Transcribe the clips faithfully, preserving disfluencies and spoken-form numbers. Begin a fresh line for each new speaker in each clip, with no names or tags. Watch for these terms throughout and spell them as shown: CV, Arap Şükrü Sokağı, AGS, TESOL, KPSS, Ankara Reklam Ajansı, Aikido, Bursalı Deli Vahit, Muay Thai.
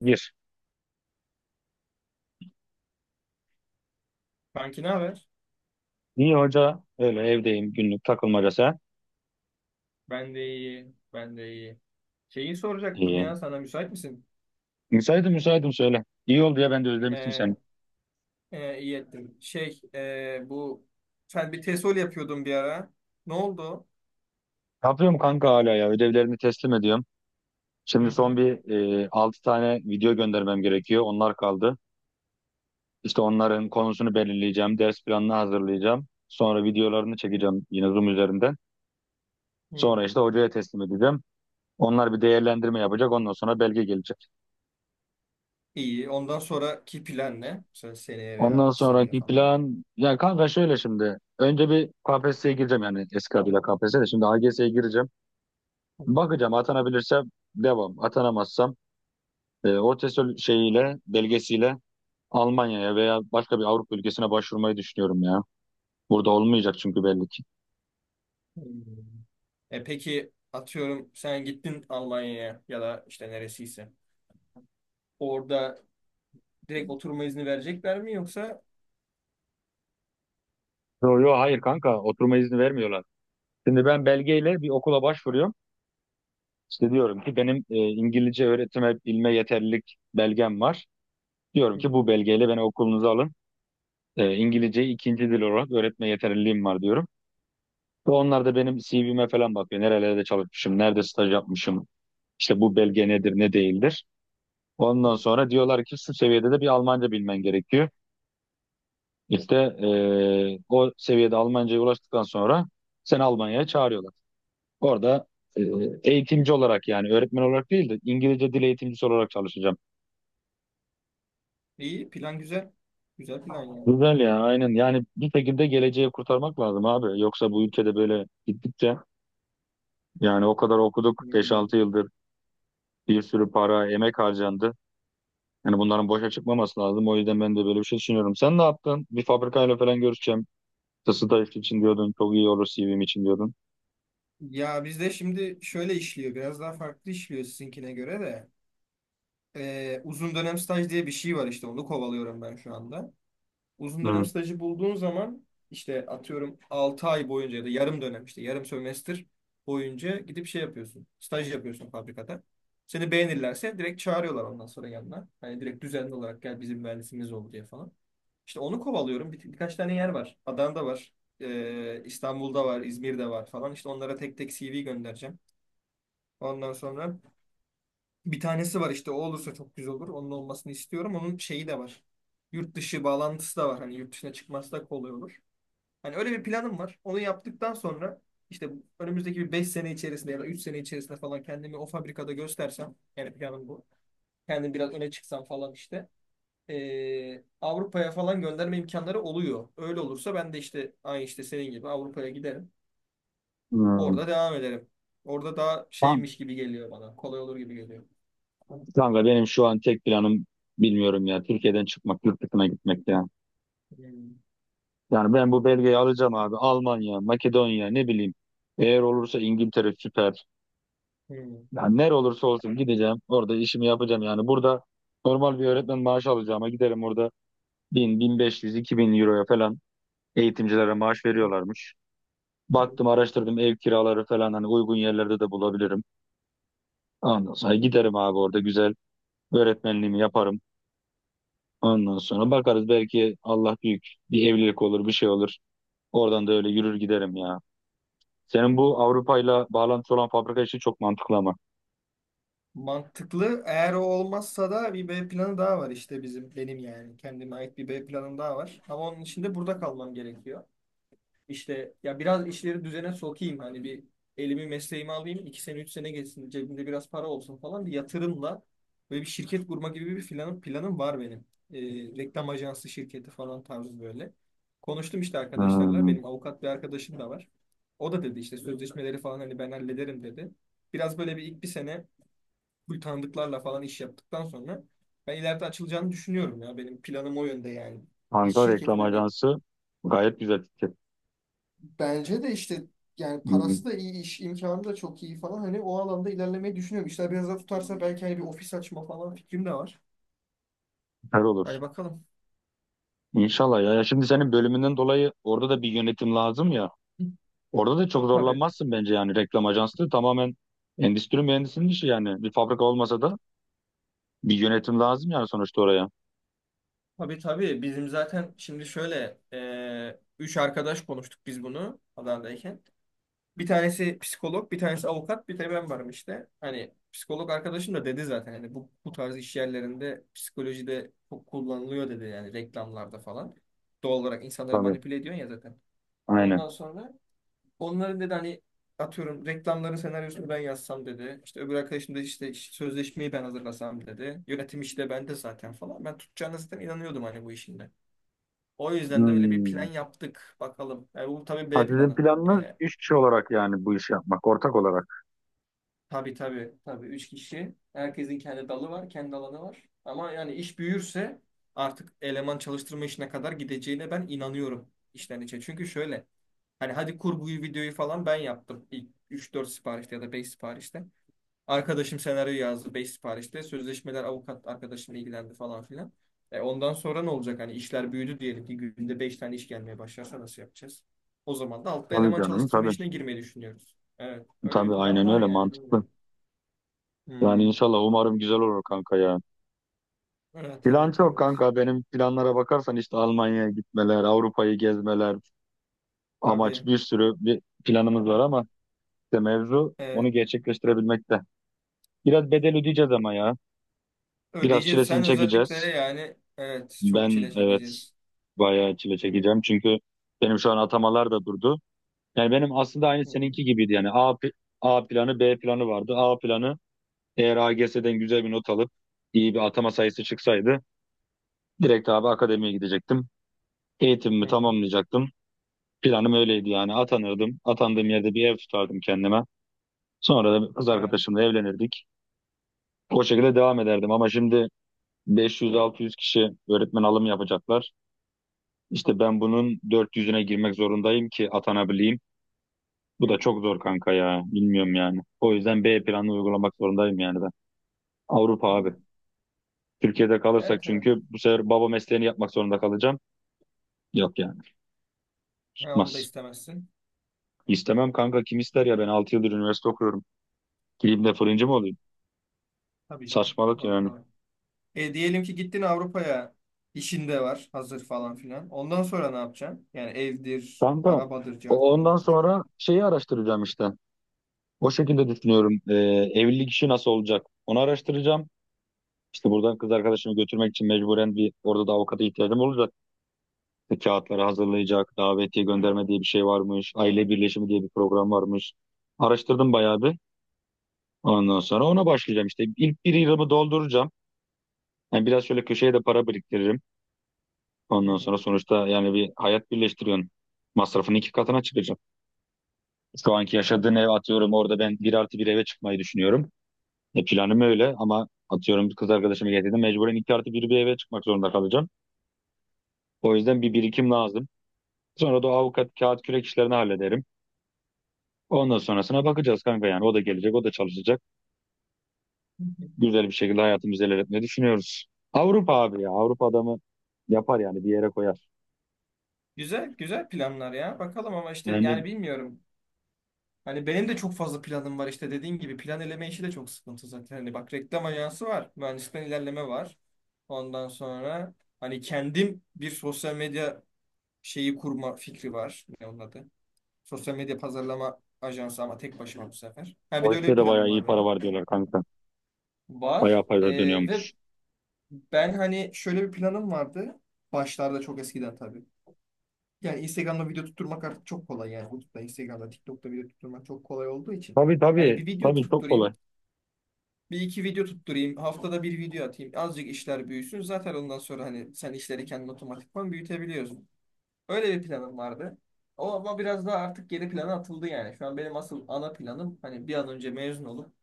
Gir.
Kanki ne haber?
İyi hoca. Öyle evdeyim günlük takılmaca sen.
Ben de iyi, ben de iyi. Şeyi soracaktım
İyi.
ya, sana müsait misin?
Müsaitim müsaitim söyle. İyi oldu ya ben de özlemiştim seni.
Ee, e, iyi ettin. Şey, e, bu sen bir tesol yapıyordun bir ara. Ne oldu?
Ne yapıyorum kanka hala ya ödevlerini teslim ediyorum.
Hı
Şimdi
hı.
son bir e, altı tane video göndermem gerekiyor. Onlar kaldı. İşte onların konusunu belirleyeceğim. Ders planını hazırlayacağım. Sonra videolarını çekeceğim yine Zoom üzerinden.
Hı.
Sonra işte hocaya teslim edeceğim. Onlar bir değerlendirme yapacak. Ondan sonra belge gelecek.
İyi. Ondan sonraki plan ne? Mesela seneye veya
Ondan
iki seneye
sonraki
falan.
plan ya kanka şöyle şimdi. Önce bir K P S S'ye gireceğim, yani eski adıyla K P S S, de şimdi A G S'ye gireceğim.
Hı hı.
Bakacağım, atanabilirsem devam. Atanamazsam e, o TESOL şeyiyle, belgesiyle Almanya'ya veya başka bir Avrupa ülkesine başvurmayı düşünüyorum ya. Burada olmayacak çünkü belli ki.
Hı. E peki, atıyorum sen gittin Almanya'ya ya da işte neresiyse. Orada direkt oturma izni verecekler mi, yoksa?
Yo yo, hayır kanka, oturma izni vermiyorlar. Şimdi ben belgeyle bir okula başvuruyorum. İşte diyorum ki benim e, İngilizce öğretime bilme yeterlilik belgem var. Diyorum
Hı
ki
hı.
bu belgeyle beni okulunuza alın. E, İngilizceyi ikinci dil olarak öğretme yeterliliğim var diyorum. Ve onlar da benim C V'me falan bakıyor. Nerelerde çalışmışım, nerede staj yapmışım, işte bu belge nedir, ne değildir.
Hı hı.
Ondan sonra diyorlar ki şu seviyede de bir Almanca bilmen gerekiyor. İşte e, o seviyede Almanca'ya ulaştıktan sonra seni Almanya'ya çağırıyorlar. Orada e, eğitimci olarak, yani öğretmen olarak değil de İngilizce dil eğitimcisi olarak çalışacağım.
İyi plan, güzel. Güzel plan yani.
Güzel ya, aynen. Yani bir şekilde geleceği kurtarmak lazım abi. Yoksa bu ülkede böyle gittikçe, yani o kadar okuduk, beş
Hmm.
altı yıldır bir sürü para, emek harcandı. Yani bunların boşa çıkmaması lazım. O yüzden ben de böyle bir şey düşünüyorum. Sen ne yaptın? Bir fabrikayla falan görüşeceğim, staj için diyordun. Çok iyi olur C V'm için diyordun.
Ya bizde şimdi şöyle işliyor. Biraz daha farklı işliyor sizinkine göre de. Ee, uzun dönem staj diye bir şey var işte. Onu kovalıyorum ben şu anda. Uzun dönem
Hı.
stajı bulduğun zaman işte atıyorum altı ay boyunca ya da yarım dönem işte yarım sömestr boyunca gidip şey yapıyorsun. Staj yapıyorsun fabrikada. Seni beğenirlerse direkt çağırıyorlar ondan sonra yanına. Hani direkt düzenli olarak gel bizim mühendisimiz ol diye falan. İşte onu kovalıyorum. Bir, birkaç tane yer var. Adana'da var. Ee, İstanbul'da var, İzmir'de var falan. İşte onlara tek tek C V göndereceğim. Ondan sonra bir tanesi var işte, o olursa çok güzel olur. Onun olmasını istiyorum. Onun şeyi de var. Yurt dışı bağlantısı da var. Hani yurt dışına çıkması da kolay olur. Hani öyle bir planım var. Onu yaptıktan sonra işte önümüzdeki bir beş sene içerisinde ya da üç sene içerisinde falan kendimi o fabrikada göstersem, yani planım bu. Kendim biraz öne çıksam falan işte. eee, Avrupa'ya falan gönderme imkanları oluyor. Öyle olursa ben de işte aynı işte senin gibi Avrupa'ya giderim.
Hmm.
Orada devam ederim. Orada daha
Kan-
şeymiş gibi geliyor bana. Kolay olur gibi geliyor.
Kanka, benim şu an tek planım, bilmiyorum ya, Türkiye'den çıkmak, yurt dışına gitmek ya.
Hmm.
Yani ben bu belgeyi alacağım abi. Almanya, Makedonya, ne bileyim. Eğer olursa İngiltere süper.
Hmm.
Yani nere olursa olsun gideceğim. Orada işimi yapacağım yani. Burada normal bir öğretmen maaşı alacağıma giderim orada. bin, iki bin euroya falan eğitimcilere maaş veriyorlarmış. Baktım, araştırdım, ev kiraları falan hani uygun yerlerde de bulabilirim. Ondan sonra giderim abi, orada güzel öğretmenliğimi yaparım. Ondan sonra bakarız, belki Allah büyük, bir evlilik olur, bir şey olur. Oradan da öyle yürür giderim ya. Senin bu Avrupa'yla bağlantısı olan fabrika işi çok mantıklı ama.
Mantıklı. Eğer o olmazsa da bir B planı daha var işte bizim, benim yani. Kendime ait bir B planım daha var. Ama onun için de burada kalmam gerekiyor. İşte ya biraz işleri düzene sokayım, hani bir elimi mesleğimi alayım, iki sene üç sene geçsin, cebimde biraz para olsun falan, bir yatırımla böyle bir şirket kurma gibi bir planım planım var benim. Ee, reklam ajansı şirketi falan tarzı böyle. Konuştum işte arkadaşlarla,
Hmm.
benim avukat bir arkadaşım da var. O da dedi işte sözleşmeleri falan hani ben hallederim dedi. Biraz böyle bir ilk bir sene bu tanıdıklarla falan iş yaptıktan sonra ben ileride açılacağını düşünüyorum ya, benim planım o yönde yani. Bir
Ankara Reklam
şirketin hani
Ajansı gayet güzel fikir.
bence de işte yani
Hmm,
parası da iyi, iş imkanı da çok iyi falan. Hani o alanda ilerlemeyi düşünüyorum. İşler biraz daha tutarsa belki hani bir ofis açma falan fikrim de var.
süper olur.
Hani bakalım.
İnşallah ya. Ya şimdi senin bölümünden dolayı orada da bir yönetim lazım ya. Orada da çok
Tabii.
zorlanmazsın bence. Yani reklam ajanslığı tamamen endüstri mühendisinin işi yani. Bir fabrika olmasa da bir yönetim lazım yani, sonuçta oraya.
Tabii tabii. Bizim zaten şimdi şöyle, e, üç arkadaş konuştuk biz bunu Adana'dayken. Bir tanesi psikolog, bir tanesi avukat, bir de ben varım işte. Hani psikolog arkadaşım da dedi zaten hani bu, bu tarz iş yerlerinde psikolojide çok kullanılıyor dedi, yani reklamlarda falan. Doğal olarak insanları
Tabii.
manipüle ediyorsun ya zaten. Ondan
Aynen.
sonra onların dedi hani atıyorum reklamların senaryosunu ben yazsam dedi. İşte öbür arkadaşım da işte sözleşmeyi ben hazırlasam dedi. Yönetim işi de bende zaten falan. Ben tutacağına zaten inanıyordum hani bu işinde. O yüzden de öyle bir plan
Hmm.
yaptık. Bakalım. Yani bu tabii
Ha,
B
sizin
planı.
planınız
Yani
üç kişi olarak yani bu işi yapmak, ortak olarak.
tabii tabii tabii üç kişi. Herkesin kendi dalı var, kendi alanı var. Ama yani iş büyürse artık eleman çalıştırma işine kadar gideceğine ben inanıyorum işten içe. Çünkü şöyle, hani hadi kurguyu, videoyu falan ben yaptım ilk üç dört siparişte ya da beş siparişte. Arkadaşım senaryo yazdı beş siparişte. Sözleşmeler avukat arkadaşımla ilgilendi falan filan. E ondan sonra ne olacak? Hani işler büyüdü diyelim ki, günde beş tane iş gelmeye başlarsa nasıl yapacağız? O zaman da altta
Tabii
eleman
canım,
çalıştırma
tabii.
işine girmeyi düşünüyoruz. Evet. Öyle
Tabii,
bir plan
aynen
var
öyle,
yani,
mantıklı.
bilmiyorum.
Yani
Hmm.
inşallah, umarım güzel olur kanka ya.
Evet
Plan
evet
çok
evet.
kanka. Benim planlara bakarsan işte Almanya'ya gitmeler, Avrupa'yı gezmeler, amaç
Tabii.
bir sürü, bir planımız var ama işte mevzu onu
Evet.
gerçekleştirebilmekte. Biraz bedel ödeyeceğiz ama ya. Biraz
Ödeyeceğiz.
çilesini
Sen özellikle,
çekeceğiz.
yani evet, çok çile
Ben evet,
çekeceğiz.
bayağı çile çekeceğim. Çünkü benim şu an atamalar da durdu. Yani benim aslında aynı seninki
Hmm.
gibiydi. Yani A, pl- A planı, B planı vardı. A planı, eğer A AGS'den güzel bir not alıp iyi bir atama sayısı çıksaydı, direkt abi akademiye gidecektim.
Hı
Eğitimimi
hı.
tamamlayacaktım. Planım öyleydi yani. Atanırdım. Atandığım yerde bir ev tutardım kendime. Sonra da kız
Evet.
arkadaşımla evlenirdik. O şekilde devam ederdim ama şimdi beş yüz altı yüz kişi öğretmen alımı yapacaklar. İşte ben bunun dört yüzüne girmek zorundayım ki atanabileyim.
Hı
Bu da çok zor kanka ya. Bilmiyorum yani. O yüzden B planını uygulamak zorundayım yani ben. Avrupa abi.
hı.
Türkiye'de kalırsak
Evet evet.
çünkü bu sefer baba mesleğini yapmak zorunda kalacağım. Yok yani.
Ha, onu da
Tutmaz.
istemezsin.
İstemem kanka. Kim ister ya? Ben altı yıldır üniversite okuyorum. Gireyim de fırıncı mı
Hı.
olayım?
Tabii canım.
Saçmalık
Doğru
yani.
doğru. E, diyelim ki gittin Avrupa'ya, işinde var hazır falan filan. Ondan sonra ne yapacaksın? Yani evdir,
Kanka, o-
arabadır, carttır,
ondan
curttur.
sonra şeyi araştıracağım işte. O şekilde düşünüyorum. Ee, evlilik işi nasıl olacak? Onu araştıracağım. İşte buradan kız arkadaşımı götürmek için mecburen bir orada da avukata ihtiyacım olacak. İşte kağıtları hazırlayacak, davetiye gönderme diye bir şey varmış, aile birleşimi diye bir program varmış. Araştırdım bayağı bir. Ondan sonra ona başlayacağım işte. İlk bir yılımı dolduracağım. Yani biraz şöyle köşeye de para biriktiririm.
Hı
Ondan
hı.
sonra sonuçta yani bir hayat birleştiriyorsun. Masrafını iki katına çıkacağım. Şu anki yaşadığın ev, atıyorum orada ben bir artı bir eve çıkmayı düşünüyorum. E planım öyle, ama atıyorum kız arkadaşımı getirdim, mecburen iki artı bir bir eve çıkmak zorunda kalacağım. O yüzden bir birikim lazım. Sonra da o avukat kağıt kürek işlerini hallederim. Ondan sonrasına bakacağız kanka yani. O da gelecek, o da çalışacak. Güzel bir şekilde hayatımızı ilerletmeyi düşünüyoruz. Avrupa abi ya. Avrupa adamı yapar yani, bir yere koyar.
Güzel, güzel planlar ya. Bakalım ama işte yani,
Yani
bilmiyorum. Hani benim de çok fazla planım var, işte dediğin gibi plan eleme işi de çok sıkıntı zaten. Hani bak, reklam ajansı var, mühendisten ilerleme var. Ondan sonra hani kendim bir sosyal medya şeyi kurma fikri var. Ne onun adı? Sosyal medya pazarlama ajansı, ama tek başıma bu sefer. Ha, bir
o
de öyle
işte
bir
de bayağı
planım
iyi
var
para
benim.
var diyorlar kanka.
Var.
Bayağı paralar
Ee, ve
dönüyormuş.
ben hani şöyle bir planım vardı. Başlarda, çok eskiden tabii. Yani Instagram'da video tutturmak artık çok kolay yani. YouTube'da, Instagram'da, TikTok'ta video tutturmak çok kolay olduğu için.
Tabii
Hani
tabii.
bir video
Tabii çok kolay.
tutturayım. Bir iki video tutturayım. Haftada bir video atayım. Azıcık işler büyüsün. Zaten ondan sonra hani sen işleri kendin otomatikman büyütebiliyorsun. Öyle bir planım vardı. O ama biraz daha artık geri plana atıldı yani. Şu an benim asıl ana planım hani bir an önce mezun olup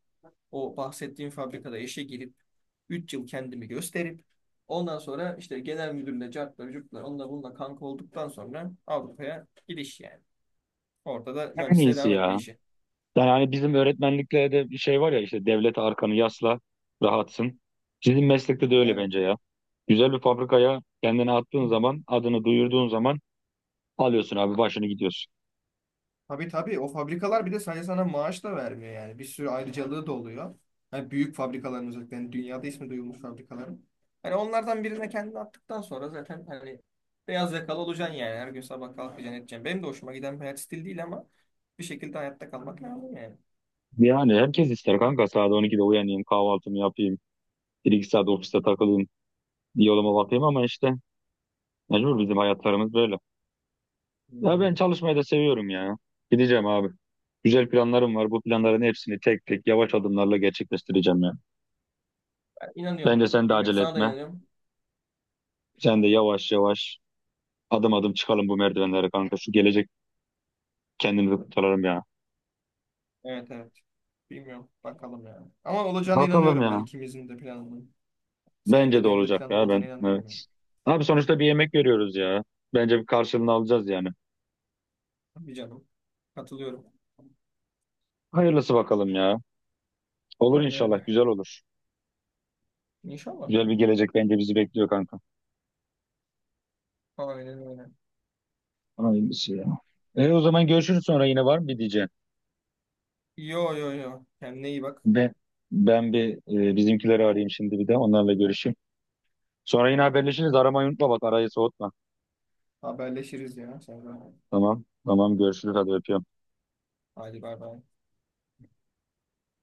o bahsettiğim fabrikada işe girip üç yıl kendimi gösterip ondan sonra işte genel müdürle, cartla, curtla, onunla bununla kanka olduktan sonra Avrupa'ya gidiş yani. Orada da
En
mühendisliğe
iyisi
devam etme
ya.
işi.
Yani hani bizim öğretmenlikte de bir şey var ya, işte devlete arkanı yasla, rahatsın. Sizin meslekte de öyle
Evet.
bence ya. Güzel bir fabrikaya kendini attığın zaman, adını duyurduğun zaman alıyorsun abi başını gidiyorsun.
Tabii tabii, o fabrikalar bir de sadece sana maaş da vermiyor yani. Bir sürü ayrıcalığı da oluyor. Hani büyük fabrikaların, özellikle hani dünyada ismi duyulmuş fabrikaların. Hani onlardan birine kendini attıktan sonra zaten hani beyaz yakalı olacaksın yani. Her gün sabah kalkacaksın, edeceksin. Benim de hoşuma giden bir hayat stili değil ama bir şekilde hayatta kalmak lazım yani.
Yani herkes ister kanka. Saat on ikide uyanayım, kahvaltımı yapayım. Bir iki saat ofiste takılayım, bir yoluma bakayım, ama işte mecbur, bizim hayatlarımız böyle. Ya
Hmm.
ben çalışmayı da seviyorum ya. Gideceğim abi. Güzel planlarım var. Bu planların hepsini tek tek, yavaş adımlarla gerçekleştireceğim ya.
Ben inanıyorum.
Bence sen de
Bilmiyorum.
acele
Sana da
etme.
inanıyorum.
Sen de yavaş yavaş, adım adım çıkalım bu merdivenlere kanka. Şu gelecek, kendimizi kurtaralım ya.
Evet evet. Bilmiyorum. Bakalım yani. Ama olacağına
Bakalım
inanıyorum ben.
ya.
İkimizin de planlı. Senin
Bence
de
de
benim de
olacak
planlı
ya, ben.
olacağına inanıyorum yani.
Evet. Abi sonuçta bir yemek veriyoruz ya. Bence bir karşılığını alacağız yani.
Bir canım. Katılıyorum.
Hayırlısı bakalım ya. Olur
Öyle
inşallah.
öyle.
Güzel olur.
İnşallah.
Güzel bir gelecek bence bizi bekliyor kanka.
Aynen öyle.
Hayırlısı ya. E, o zaman görüşürüz. Sonra yine var mı bir diyeceğim.
Yo yo yo. Kendine iyi bak.
Ve ben bir e, bizimkileri arayayım şimdi, bir de onlarla görüşeyim. Sonra yine
Tamam.
haberleşiriz. Aramayı unutma, bak arayı soğutma.
Haberleşiriz ya. Sen de.
Tamam. Tamam, görüşürüz hadi, öpüyorum.
Hadi bay bay.